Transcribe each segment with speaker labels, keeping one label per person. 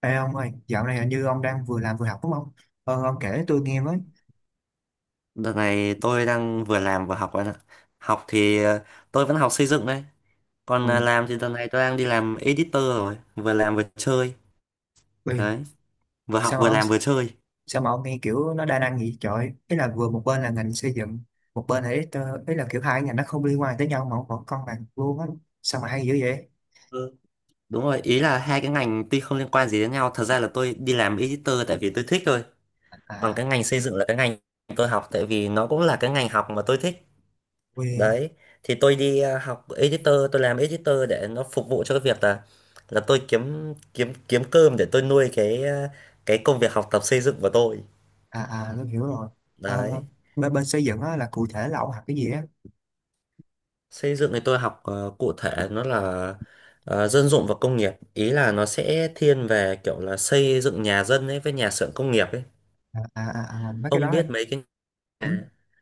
Speaker 1: Ê ông ơi, dạo này hình như ông đang vừa làm vừa học đúng không? Ông kể tôi nghe với.
Speaker 2: Đợt này tôi đang vừa làm vừa học bạn ạ. Học thì tôi vẫn học xây dựng đấy. Còn
Speaker 1: Ui,
Speaker 2: làm thì đợt này tôi đang đi làm editor rồi. Vừa làm vừa chơi.
Speaker 1: ui,
Speaker 2: Đấy. Vừa học
Speaker 1: sao
Speaker 2: vừa
Speaker 1: mà,
Speaker 2: làm vừa chơi.
Speaker 1: sao mà ông nghe kiểu nó đa năng vậy trời? Ý là vừa một bên là ngành xây dựng, một bên là ít, ý là kiểu hai ngành nó không liên quan tới nhau mà ông vẫn con bằng luôn á. Sao mà hay dữ vậy?
Speaker 2: Ừ. Đúng rồi. Ý là hai cái ngành tuy không liên quan gì đến nhau. Thật ra là tôi đi làm editor tại vì tôi thích thôi. Còn cái
Speaker 1: À,
Speaker 2: ngành xây dựng là cái ngành tôi học tại vì nó cũng là cái ngành học mà tôi thích.
Speaker 1: ui,
Speaker 2: Đấy thì tôi học editor, tôi làm editor để nó phục vụ cho cái việc là tôi kiếm kiếm kiếm cơm để tôi nuôi cái công việc học tập xây dựng của tôi.
Speaker 1: à, à, tôi hiểu rồi. Ờ,
Speaker 2: Đấy.
Speaker 1: bên xây dựng á là cụ thể là ông học cái gì á?
Speaker 2: Xây dựng thì tôi học cụ thể nó là dân dụng và công nghiệp, ý là nó sẽ thiên về kiểu là xây dựng nhà dân ấy với nhà xưởng công nghiệp ấy.
Speaker 1: À, à, à, à, mấy cái
Speaker 2: ông
Speaker 1: đó.
Speaker 2: biết mấy cái
Speaker 1: Ừ?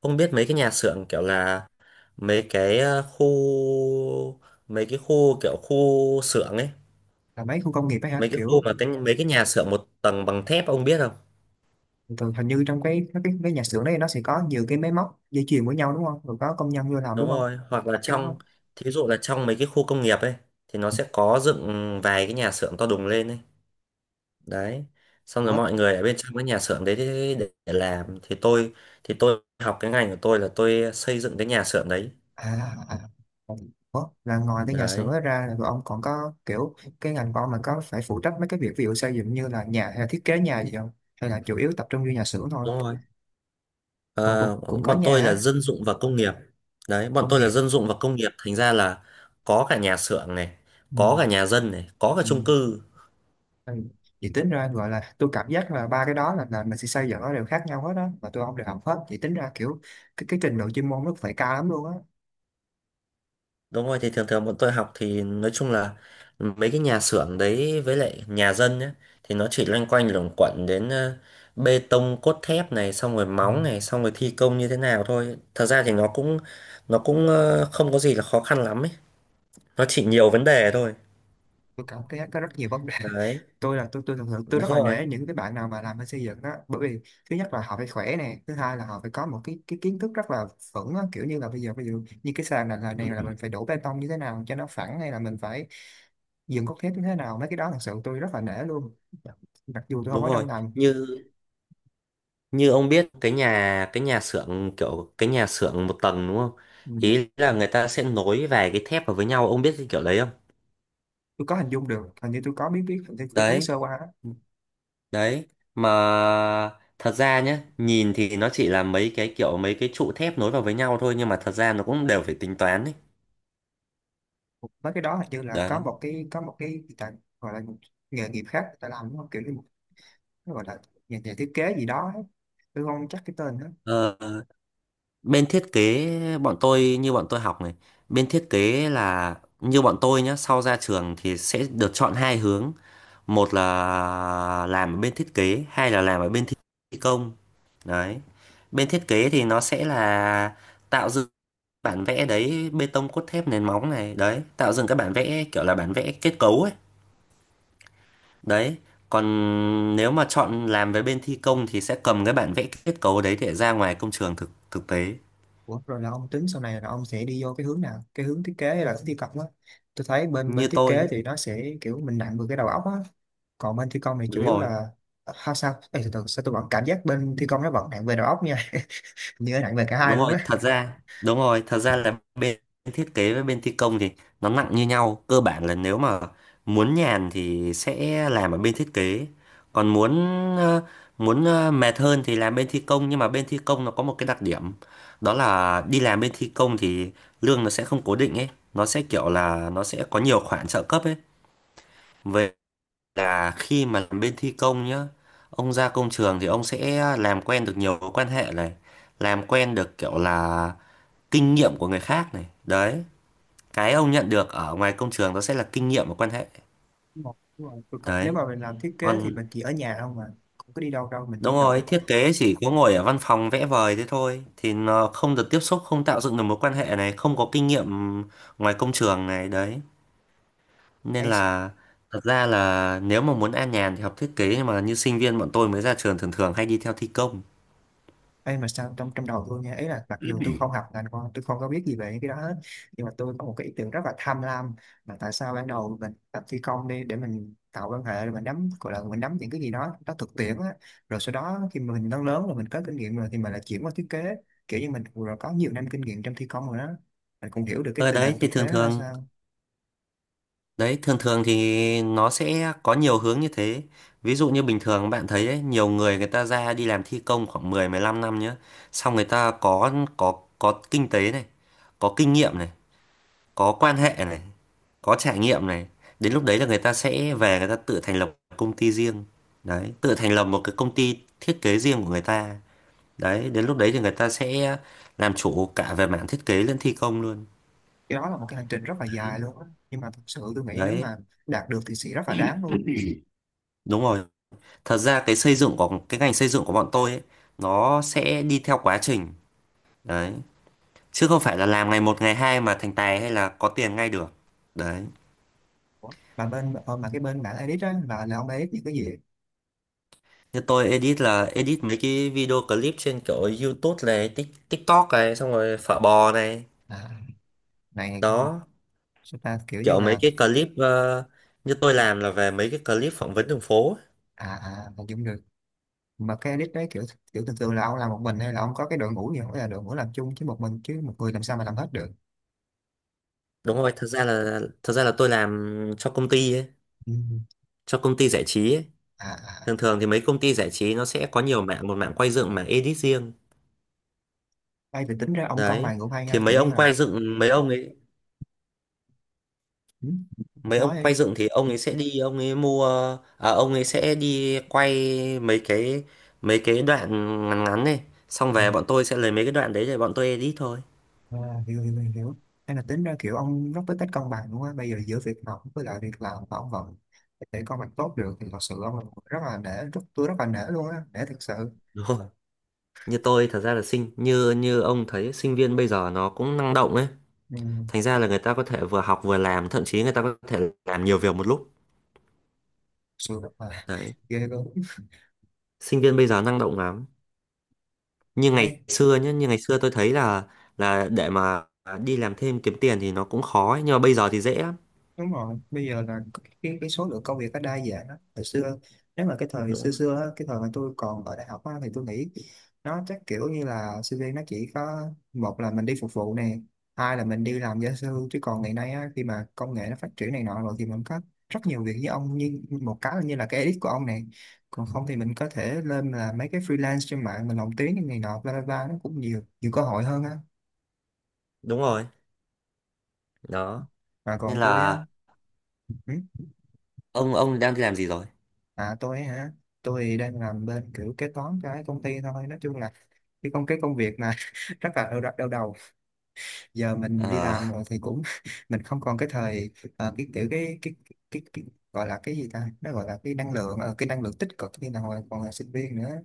Speaker 2: ông biết mấy cái nhà xưởng kiểu là mấy cái ờ, khu mấy cái khu kiểu khu xưởng ấy,
Speaker 1: Là mấy khu công nghiệp ấy hả?
Speaker 2: mấy cái khu
Speaker 1: Kiểu
Speaker 2: mà mấy cái nhà xưởng một tầng bằng thép, ông biết không?
Speaker 1: thường hình như trong cái nhà xưởng đấy nó sẽ có nhiều cái máy móc dây chuyền với nhau đúng không? Rồi có công nhân vô làm
Speaker 2: Đúng
Speaker 1: đúng không?
Speaker 2: rồi, hoặc là
Speaker 1: Phải cái đó không?
Speaker 2: thí dụ là trong mấy cái khu công nghiệp ấy thì nó sẽ có dựng vài cái nhà xưởng to đùng lên ấy. Đấy, xong rồi
Speaker 1: Ủa?
Speaker 2: mọi người ở bên trong cái nhà xưởng đấy để làm. Thì tôi học cái ngành của tôi là tôi xây dựng cái nhà xưởng đấy.
Speaker 1: À, à. À. Ủa? Là ngoài cái nhà xưởng
Speaker 2: Đấy.
Speaker 1: đó ra là ông còn có kiểu cái ngành của ông là có phải phụ trách mấy cái việc ví dụ xây dựng như là nhà hay là thiết kế nhà gì không? Hay là chủ yếu tập trung vô nhà xưởng thôi?
Speaker 2: Đúng rồi.
Speaker 1: Ủa,
Speaker 2: Ờ,
Speaker 1: cũng có
Speaker 2: bọn
Speaker 1: nhà
Speaker 2: tôi là
Speaker 1: á,
Speaker 2: dân dụng và công nghiệp. Đấy, bọn
Speaker 1: công
Speaker 2: tôi là
Speaker 1: nghiệp.
Speaker 2: dân dụng và công nghiệp, thành ra là có cả nhà xưởng này,
Speaker 1: Ừ.
Speaker 2: có cả nhà dân này, có cả
Speaker 1: Ừ.
Speaker 2: chung cư.
Speaker 1: Ừ. Vậy tính ra gọi là tôi cảm giác là ba cái đó là mình sẽ xây dựng nó đều khác nhau hết đó và tôi không đều học hết, vậy tính ra kiểu cái trình độ chuyên môn nó phải cao lắm luôn á.
Speaker 2: Đúng rồi, thì thường thường bọn tôi học thì nói chung là mấy cái nhà xưởng đấy với lại nhà dân nhá, thì nó chỉ loanh quanh luẩn quẩn đến bê tông cốt thép này, xong rồi
Speaker 1: Ừ,
Speaker 2: móng này, xong rồi thi công như thế nào thôi. Thật ra thì nó cũng không có gì là khó khăn lắm ấy. Nó chỉ nhiều vấn đề thôi.
Speaker 1: tôi cảm thấy có rất nhiều vấn đề.
Speaker 2: Đấy,
Speaker 1: Tôi là tôi thường thường
Speaker 2: đúng
Speaker 1: tôi rất là
Speaker 2: rồi.
Speaker 1: nể những cái bạn nào mà làm bên xây dựng đó, bởi vì thứ nhất là họ phải khỏe nè, thứ hai là họ phải có một cái kiến thức rất là vững á, kiểu như là bây giờ ví dụ như cái sàn này là mình phải đổ bê tông như thế nào cho nó phẳng, hay là mình phải dựng cốt thép như thế nào, mấy cái đó thật sự tôi rất là nể luôn. Dạ, mặc dù tôi không
Speaker 2: Đúng
Speaker 1: ở
Speaker 2: rồi.
Speaker 1: trong ngành.
Speaker 2: Như Như ông biết cái nhà xưởng kiểu cái nhà xưởng một tầng đúng không?
Speaker 1: Ừ,
Speaker 2: Ý là người ta sẽ nối vài cái thép vào với nhau, ông biết cái kiểu đấy không?
Speaker 1: tôi có hình dung được, hình như tôi có biết biết hình như tôi thấy sơ
Speaker 2: Đấy.
Speaker 1: qua á.
Speaker 2: Đấy, mà thật ra nhé, nhìn thì nó chỉ là mấy cái trụ thép nối vào với nhau thôi, nhưng mà thật ra nó cũng đều phải tính toán ấy.
Speaker 1: Mấy cái đó hình như là có
Speaker 2: Đấy.
Speaker 1: một cái, người ta gọi là một nghề nghiệp khác người ta làm, đúng không, kiểu như nó gọi là nhà thiết kế gì đó ấy. Tôi không chắc cái tên đó.
Speaker 2: Ờ, bên thiết kế bọn tôi, như bọn tôi học này, bên thiết kế là như bọn tôi nhá, sau ra trường thì sẽ được chọn hai hướng. Một là làm ở bên thiết kế, hai là làm ở bên thi công. Đấy. Bên thiết kế thì nó sẽ là tạo dựng bản vẽ đấy, bê tông cốt thép nền móng này, đấy tạo dựng các bản vẽ kiểu là bản vẽ kết cấu ấy. Đấy, còn nếu mà chọn làm với bên thi công thì sẽ cầm cái bản vẽ kết cấu đấy để ra ngoài công trường thực thực tế.
Speaker 1: Ủa, rồi là ông tính sau này là ông sẽ đi vô cái hướng nào, cái hướng thiết kế hay là hướng thi công á? Tôi thấy bên bên
Speaker 2: Như
Speaker 1: thiết
Speaker 2: tôi
Speaker 1: kế
Speaker 2: nhé,
Speaker 1: thì nó sẽ kiểu mình nặng về cái đầu óc á, còn bên thi công thì chủ
Speaker 2: đúng
Speaker 1: yếu
Speaker 2: rồi.
Speaker 1: là how sao. Ê, từ từ, sao tôi vẫn cảm giác bên thi công nó vẫn nặng về đầu óc nha, như nó nặng về cả hai luôn á.
Speaker 2: Đúng rồi, thật ra là bên thiết kế với bên thi công thì nó nặng như nhau. Cơ bản là nếu mà muốn nhàn thì sẽ làm ở bên thiết kế, còn muốn ờ, mệt hơn thì làm bên thi công. Nhưng mà bên thi công nó có một cái đặc điểm, đó là đi làm bên thi công thì lương nó sẽ không cố định ấy, nó sẽ kiểu là nó sẽ có nhiều khoản trợ cấp ấy. về là khi mà làm bên thi công nhá, ông ra công trường thì ông sẽ làm quen được nhiều mối quan hệ này, làm quen được kiểu là kinh nghiệm của người khác này. Đấy, cái ông nhận được ở ngoài công trường đó sẽ là kinh nghiệm và quan hệ.
Speaker 1: Đúng rồi, đúng rồi. Tôi có- nếu
Speaker 2: Đấy,
Speaker 1: mà mình làm thiết kế thì
Speaker 2: còn
Speaker 1: mình chỉ ở nhà không mà không có đi đâu đâu, mình chỉ
Speaker 2: đúng
Speaker 1: nộp.
Speaker 2: rồi, thiết kế chỉ có ngồi ở văn phòng vẽ vời thế thôi thì nó không được tiếp xúc, không tạo dựng được mối quan hệ này, không có kinh nghiệm ngoài công trường này. Đấy nên
Speaker 1: Ê,
Speaker 2: là thật ra là nếu mà muốn an nhàn thì học thiết kế, nhưng mà như sinh viên bọn tôi mới ra trường thường thường hay đi theo thi công.
Speaker 1: Mà sao trong trong đầu tôi nha, ý là mặc dù tôi không học ngành con, tôi không có biết gì về cái đó hết, nhưng mà tôi có một cái ý tưởng rất là tham lam, là tại sao ban đầu mình tập phi công đi để mình tạo quan hệ, rồi mình nắm, gọi là mình nắm những cái gì đó nó thực tiễn á, rồi sau đó khi mà mình lớn lớn rồi, mình có kinh nghiệm rồi thì mình lại chuyển qua thiết kế, kiểu như mình rồi có nhiều năm kinh nghiệm trong thi công rồi đó, mình cũng hiểu được cái
Speaker 2: Ở
Speaker 1: tình
Speaker 2: đấy
Speaker 1: hình
Speaker 2: thì
Speaker 1: thực tế
Speaker 2: thường
Speaker 1: ra
Speaker 2: thường
Speaker 1: sao.
Speaker 2: Đấy, thường thường thì nó sẽ có nhiều hướng như thế. Ví dụ như bình thường bạn thấy ấy, nhiều người người ta ra đi làm thi công khoảng 10 15 năm nhá. Xong người ta có kinh tế này, có kinh nghiệm này, có quan hệ này, có trải nghiệm này. Đến lúc đấy là người ta sẽ về người ta tự thành lập công ty riêng. Đấy, tự thành lập một cái công ty thiết kế riêng của người ta. Đấy, đến lúc đấy thì người ta sẽ làm chủ cả về mảng thiết kế lẫn thi công luôn.
Speaker 1: Cái đó là một cái hành trình rất là dài luôn á, nhưng mà thật sự tôi nghĩ nếu
Speaker 2: Đấy,
Speaker 1: mà đạt được thì sẽ rất là đáng luôn.
Speaker 2: đúng rồi. Thật ra cái xây dựng của cái ngành xây dựng của bọn tôi ấy, nó sẽ đi theo quá trình. Đấy, chứ không phải là làm ngày một ngày hai mà thành tài hay là có tiền ngay được. Đấy.
Speaker 1: Mà bên mà cái bên bạn edit á là ông edit những cái gì?
Speaker 2: Như tôi edit là edit mấy cái video clip trên kiểu YouTube này, TikTok này, xong rồi phở bò này
Speaker 1: À, này
Speaker 2: đó,
Speaker 1: chúng ta kiểu như
Speaker 2: kiểu mấy
Speaker 1: là.
Speaker 2: cái như tôi làm là về mấy cái clip phỏng vấn đường phố ấy.
Speaker 1: À à, hình dung được. Mà cái edit đấy kiểu, kiểu thường thường là ông làm một mình hay là ông có cái đội ngũ gì không, hay là đội ngũ làm chung chứ một mình chứ một người làm sao mà làm hết được.
Speaker 2: Đúng rồi thật ra là tôi làm cho công ty ấy,
Speaker 1: Ừ.
Speaker 2: cho công ty giải trí ấy.
Speaker 1: À à,
Speaker 2: Thường thường thì mấy công ty giải trí nó sẽ có nhiều mảng, một mảng quay dựng, mảng edit riêng.
Speaker 1: hay thì tính ra ông con
Speaker 2: Đấy,
Speaker 1: bài ngủ hay
Speaker 2: thì
Speaker 1: ha,
Speaker 2: mấy
Speaker 1: kiểu như
Speaker 2: ông
Speaker 1: là.
Speaker 2: quay dựng, mấy ông ấy,
Speaker 1: Ừ,
Speaker 2: mấy ông
Speaker 1: nói đi.
Speaker 2: quay dựng thì ông ấy sẽ đi ông ấy mua ông ấy sẽ đi quay mấy cái đoạn ngắn ngắn này, xong
Speaker 1: Ừ.
Speaker 2: về bọn tôi sẽ lấy mấy cái đoạn đấy để bọn tôi edit thôi.
Speaker 1: À, hiểu hiểu hiểu hiểu. Hay là tính ra kiểu ông rất biết cách cân bằng đúng không á? Bây giờ giữa việc học với lại việc làm mà ông vẫn để con bằng tốt được thì thật sự ông là một người rất là nể, tôi rất là nể luôn á, nể thật sự.
Speaker 2: Đúng rồi. Như tôi thật ra là sinh như Như ông thấy, sinh viên bây giờ nó cũng năng động ấy.
Speaker 1: Ừ,
Speaker 2: Thành
Speaker 1: thật
Speaker 2: ra là người ta có thể vừa học vừa làm, thậm chí người ta có thể làm nhiều việc một lúc.
Speaker 1: sự rất là
Speaker 2: Đấy.
Speaker 1: ghê luôn.
Speaker 2: Sinh viên bây giờ năng động lắm.
Speaker 1: Ê,
Speaker 2: Như ngày xưa tôi thấy là để mà đi làm thêm kiếm tiền thì nó cũng khó ấy. Nhưng mà bây giờ thì dễ lắm,
Speaker 1: đúng rồi, bây giờ là cái số lượng công việc nó đa dạng đó. Hồi xưa, nếu mà cái thời
Speaker 2: đúng
Speaker 1: xưa
Speaker 2: rồi.
Speaker 1: xưa á, cái thời mà tôi còn ở đại học á, thì tôi nghĩ nó chắc kiểu như là sinh viên nó chỉ có, một là mình đi phục vụ nè, hai là mình đi làm gia sư, chứ còn ngày nay á, khi mà công nghệ nó phát triển này nọ rồi thì mình có rất nhiều việc, như ông, như một cái là như là cái edit của ông này, còn không thì mình có thể lên là mấy cái freelance trên mạng, mình lồng tiếng như này nọ bla bla bla, nó cũng nhiều nhiều cơ hội hơn á.
Speaker 2: Đúng rồi đó,
Speaker 1: Và
Speaker 2: nên
Speaker 1: còn tôi á.
Speaker 2: là
Speaker 1: Ừ,
Speaker 2: ông đang đi làm gì rồi?
Speaker 1: à tôi hả? Tôi đang làm bên kiểu kế toán cho cái công ty thôi. Nói chung là cái công việc mà rất là đau đầu. Giờ mình đi
Speaker 2: ờ
Speaker 1: làm rồi thì cũng mình không còn cái thời cái kiểu cái gọi là cái gì ta? Nó gọi là cái năng lượng, cái năng lượng tích cực như là hồi còn là sinh viên nữa.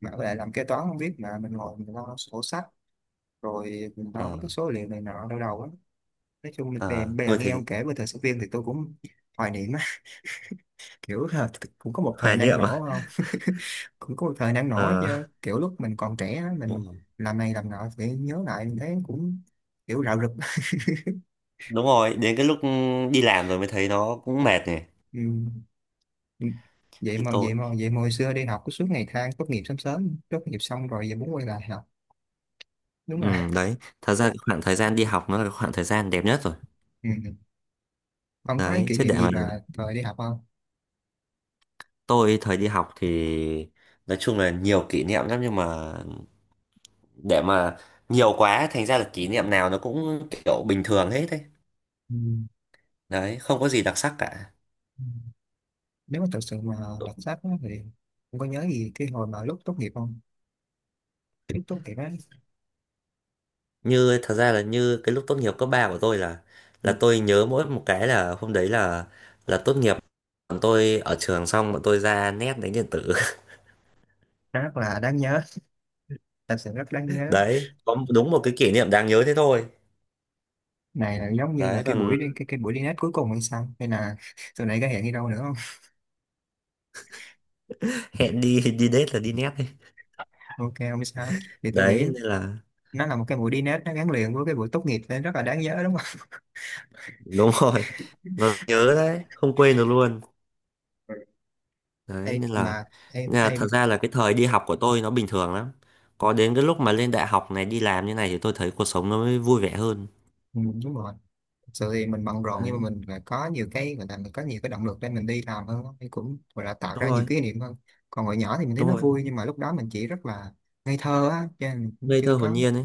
Speaker 1: Mà với lại làm kế toán không biết, mà mình ngồi mình lo sổ sách rồi mình lo
Speaker 2: ờ
Speaker 1: mấy cái số liệu này nọ đau đầu á. Nói chung là bè
Speaker 2: ờ
Speaker 1: bè
Speaker 2: tôi
Speaker 1: nghe ông
Speaker 2: thấy
Speaker 1: kể về thời sinh viên thì tôi cũng hoài niệm, kiểu ha, cũng có một thời
Speaker 2: hoài
Speaker 1: năng
Speaker 2: niệm à?
Speaker 1: nổ không? Cũng có một thời năng nổ chứ,
Speaker 2: Ờ
Speaker 1: kiểu lúc mình còn trẻ á,
Speaker 2: đúng
Speaker 1: mình
Speaker 2: rồi.
Speaker 1: làm này làm nọ thì nhớ lại mình thấy cũng kiểu rạo rực.
Speaker 2: Đúng rồi, đến cái lúc đi làm rồi mới thấy nó cũng mệt này.
Speaker 1: Ừ. Ừ. vậy
Speaker 2: Như
Speaker 1: mà
Speaker 2: tôi,
Speaker 1: vậy mà vậy mà hồi xưa đi học cứ suốt ngày than tốt nghiệp sớm sớm, tốt nghiệp xong rồi giờ muốn quay lại học. Đúng
Speaker 2: ừ,
Speaker 1: là.
Speaker 2: đấy, thật ra khoảng thời gian đi học nó là khoảng thời gian đẹp nhất rồi.
Speaker 1: Ừ. Không có cái
Speaker 2: Đấy
Speaker 1: kỷ
Speaker 2: chứ,
Speaker 1: niệm
Speaker 2: để
Speaker 1: gì
Speaker 2: mà
Speaker 1: mà thời đi học không?
Speaker 2: tôi thời đi học thì nói chung là nhiều kỷ niệm lắm, nhưng mà để mà nhiều quá thành ra là kỷ niệm nào nó cũng kiểu bình thường hết đấy.
Speaker 1: Ừ,
Speaker 2: Đấy, không có gì đặc sắc cả.
Speaker 1: nếu mà thật sự mà đọc sách á, thì không có nhớ gì cái hồi mà lúc tốt nghiệp không? Cái lúc tốt nghiệp á.
Speaker 2: Như thật ra là như Cái lúc tốt nghiệp cấp 3 của tôi là
Speaker 1: Ừ,
Speaker 2: tôi nhớ mỗi một cái là hôm đấy là tốt nghiệp bọn tôi ở trường, xong bọn tôi ra nét đánh điện tử
Speaker 1: rất là đáng nhớ, thật sự rất đáng nhớ.
Speaker 2: đấy, có đúng một cái kỷ niệm đáng nhớ thế thôi.
Speaker 1: Này là giống như là
Speaker 2: Đấy,
Speaker 1: cái
Speaker 2: còn
Speaker 1: buổi đi cái buổi đi nét cuối cùng hay sao, hay là tụi này có hẹn đi đâu nữa không?
Speaker 2: hẹn đi đi date là đi nét đấy.
Speaker 1: Ok không sao, thì tôi
Speaker 2: Đấy
Speaker 1: nghĩ
Speaker 2: nên là
Speaker 1: nó là một cái buổi đi nét, nó gắn liền với cái buổi tốt nghiệp nên rất là đáng nhớ đúng không?
Speaker 2: đúng rồi, nó nhớ đấy, không quên được luôn.
Speaker 1: Ừ. Ê,
Speaker 2: Đấy
Speaker 1: mà em
Speaker 2: nên là
Speaker 1: em
Speaker 2: thật ra là cái thời đi học của tôi nó bình thường lắm. Có đến cái lúc mà lên đại học này, đi làm như này thì tôi thấy cuộc sống nó mới vui vẻ hơn.
Speaker 1: đúng rồi. Thực sự thì mình bận rộn nhưng
Speaker 2: Đấy,
Speaker 1: mà mình lại có nhiều cái, gọi là mình có nhiều cái động lực để mình đi làm hơn á, thì cũng gọi là tạo
Speaker 2: đúng
Speaker 1: ra nhiều
Speaker 2: rồi,
Speaker 1: kỷ niệm hơn. Còn hồi nhỏ thì mình thấy
Speaker 2: đúng
Speaker 1: nó
Speaker 2: rồi.
Speaker 1: vui nhưng mà lúc đó mình chỉ rất là ngây thơ á cho nên mình cũng
Speaker 2: Ngây thơ
Speaker 1: chưa
Speaker 2: hồn
Speaker 1: có.
Speaker 2: nhiên ấy.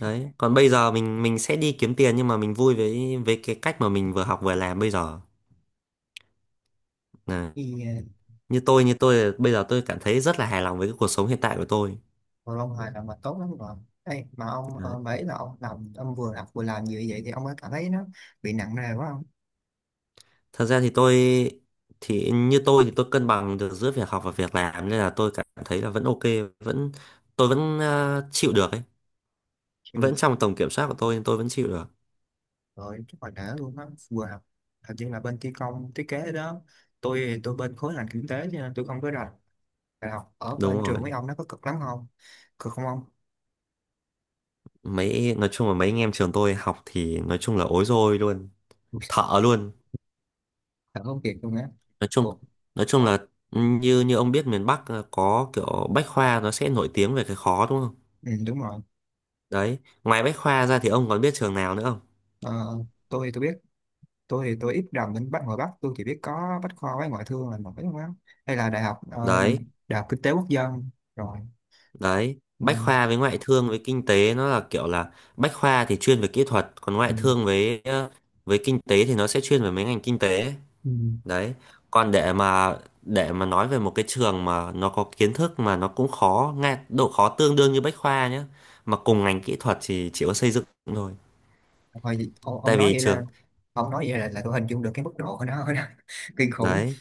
Speaker 2: Đấy, còn bây giờ mình sẽ đi kiếm tiền, nhưng mà mình vui với cái cách mà mình vừa học vừa làm bây giờ. Này,
Speaker 1: Ừ,
Speaker 2: như tôi bây giờ tôi cảm thấy rất là hài lòng với cái cuộc sống hiện tại của tôi.
Speaker 1: còn Long Hoài là mà tốt lắm rồi. Ê, mà ông
Speaker 2: Đấy.
Speaker 1: mấy là ông làm ông vừa làm như vậy thì ông có cảm thấy nó bị nặng nề quá không?
Speaker 2: Thật ra thì tôi thì Như tôi thì tôi cân bằng được giữa việc học và việc làm, nên là tôi cảm thấy là vẫn ok, vẫn, tôi vẫn chịu được ấy,
Speaker 1: Chịu
Speaker 2: vẫn
Speaker 1: được.
Speaker 2: trong tầm kiểm soát của tôi, nhưng tôi vẫn chịu được.
Speaker 1: Rồi chắc là để luôn á vừa học. Hình như là bên thi công thiết kế đó, tôi bên khối ngành kinh tế cho nên tôi không có rành. Đại học ở
Speaker 2: Đúng
Speaker 1: bên trường
Speaker 2: rồi.
Speaker 1: mấy ông nó có cực lắm không? Cực không ông?
Speaker 2: Nói chung là mấy anh em trường tôi học thì nói chung là ối rồi luôn,
Speaker 1: Ui,
Speaker 2: thợ luôn.
Speaker 1: thật không, kiệt luôn á.
Speaker 2: nói chung
Speaker 1: Ồ,
Speaker 2: nói chung là như như ông biết miền Bắc có kiểu Bách Khoa nó sẽ nổi tiếng về cái khó đúng không.
Speaker 1: ừ, đúng rồi.
Speaker 2: Đấy, ngoài Bách Khoa ra thì ông còn biết trường nào nữa không?
Speaker 1: Ờ, tôi biết, tôi thì tôi ít rành bên Bắc, ngoài Bắc tôi chỉ biết có Bách Khoa với Ngoại Thương là nổi, không á hay là đại học
Speaker 2: Đấy
Speaker 1: đại học Kinh Tế Quốc Dân. Rồi.
Speaker 2: Đấy,
Speaker 1: Ừ,
Speaker 2: Bách Khoa với ngoại thương với kinh tế nó là kiểu là Bách Khoa thì chuyên về kỹ thuật, còn
Speaker 1: ừ,
Speaker 2: ngoại thương với với kinh tế thì nó sẽ chuyên về mấy ngành kinh tế.
Speaker 1: ừ.
Speaker 2: Đấy, còn để mà nói về một cái trường mà nó có kiến thức mà nó cũng khó, ngay độ khó tương đương như Bách Khoa nhé, mà cùng ngành kỹ thuật thì chỉ có xây dựng thôi.
Speaker 1: Thôi, vậy- ông
Speaker 2: Tại
Speaker 1: nói
Speaker 2: vì
Speaker 1: vậy
Speaker 2: trường
Speaker 1: là là tôi hình dung được cái mức độ của nó rồi đó. Kinh khủng.
Speaker 2: Đấy,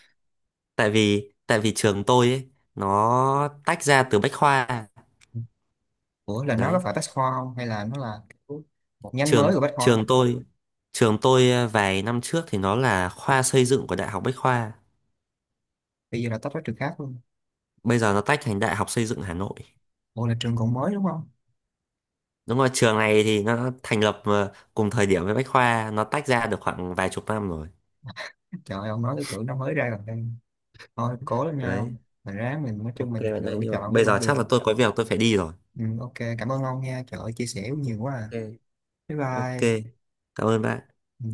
Speaker 2: tại vì trường tôi ấy nó tách ra từ Bách Khoa.
Speaker 1: Ủa là nó có
Speaker 2: Đấy,
Speaker 1: phải Bách Khoa không hay là nó là kiểu một nhánh
Speaker 2: trường
Speaker 1: mới của Bách Khoa?
Speaker 2: trường tôi trường tôi vài năm trước thì nó là khoa xây dựng của Đại học Bách Khoa,
Speaker 1: Bây giờ là tách ra trường khác luôn.
Speaker 2: bây giờ nó tách thành Đại học Xây dựng Hà Nội.
Speaker 1: Ủa là trường còn mới đúng không?
Speaker 2: Đúng rồi, trường này thì nó thành lập cùng thời điểm với Bách Khoa, nó tách ra được khoảng vài chục năm rồi.
Speaker 1: Trời ơi, ông nói cái tưởng nó mới ra gần đây. Thôi cố lên nha
Speaker 2: Đấy,
Speaker 1: ông, mình ráng, mình nói chung
Speaker 2: ok
Speaker 1: mình
Speaker 2: bạn ơi,
Speaker 1: lựa
Speaker 2: nhưng mà
Speaker 1: chọn cái
Speaker 2: bây giờ
Speaker 1: con
Speaker 2: chắc là
Speaker 1: đường.
Speaker 2: tôi có việc tôi phải đi rồi.
Speaker 1: Ừ, ok cảm ơn ông nha, trời ơi chia sẻ nhiều quá
Speaker 2: Ok.
Speaker 1: à. Bye
Speaker 2: Ok,
Speaker 1: bye.
Speaker 2: cảm ơn bạn.
Speaker 1: Ừ.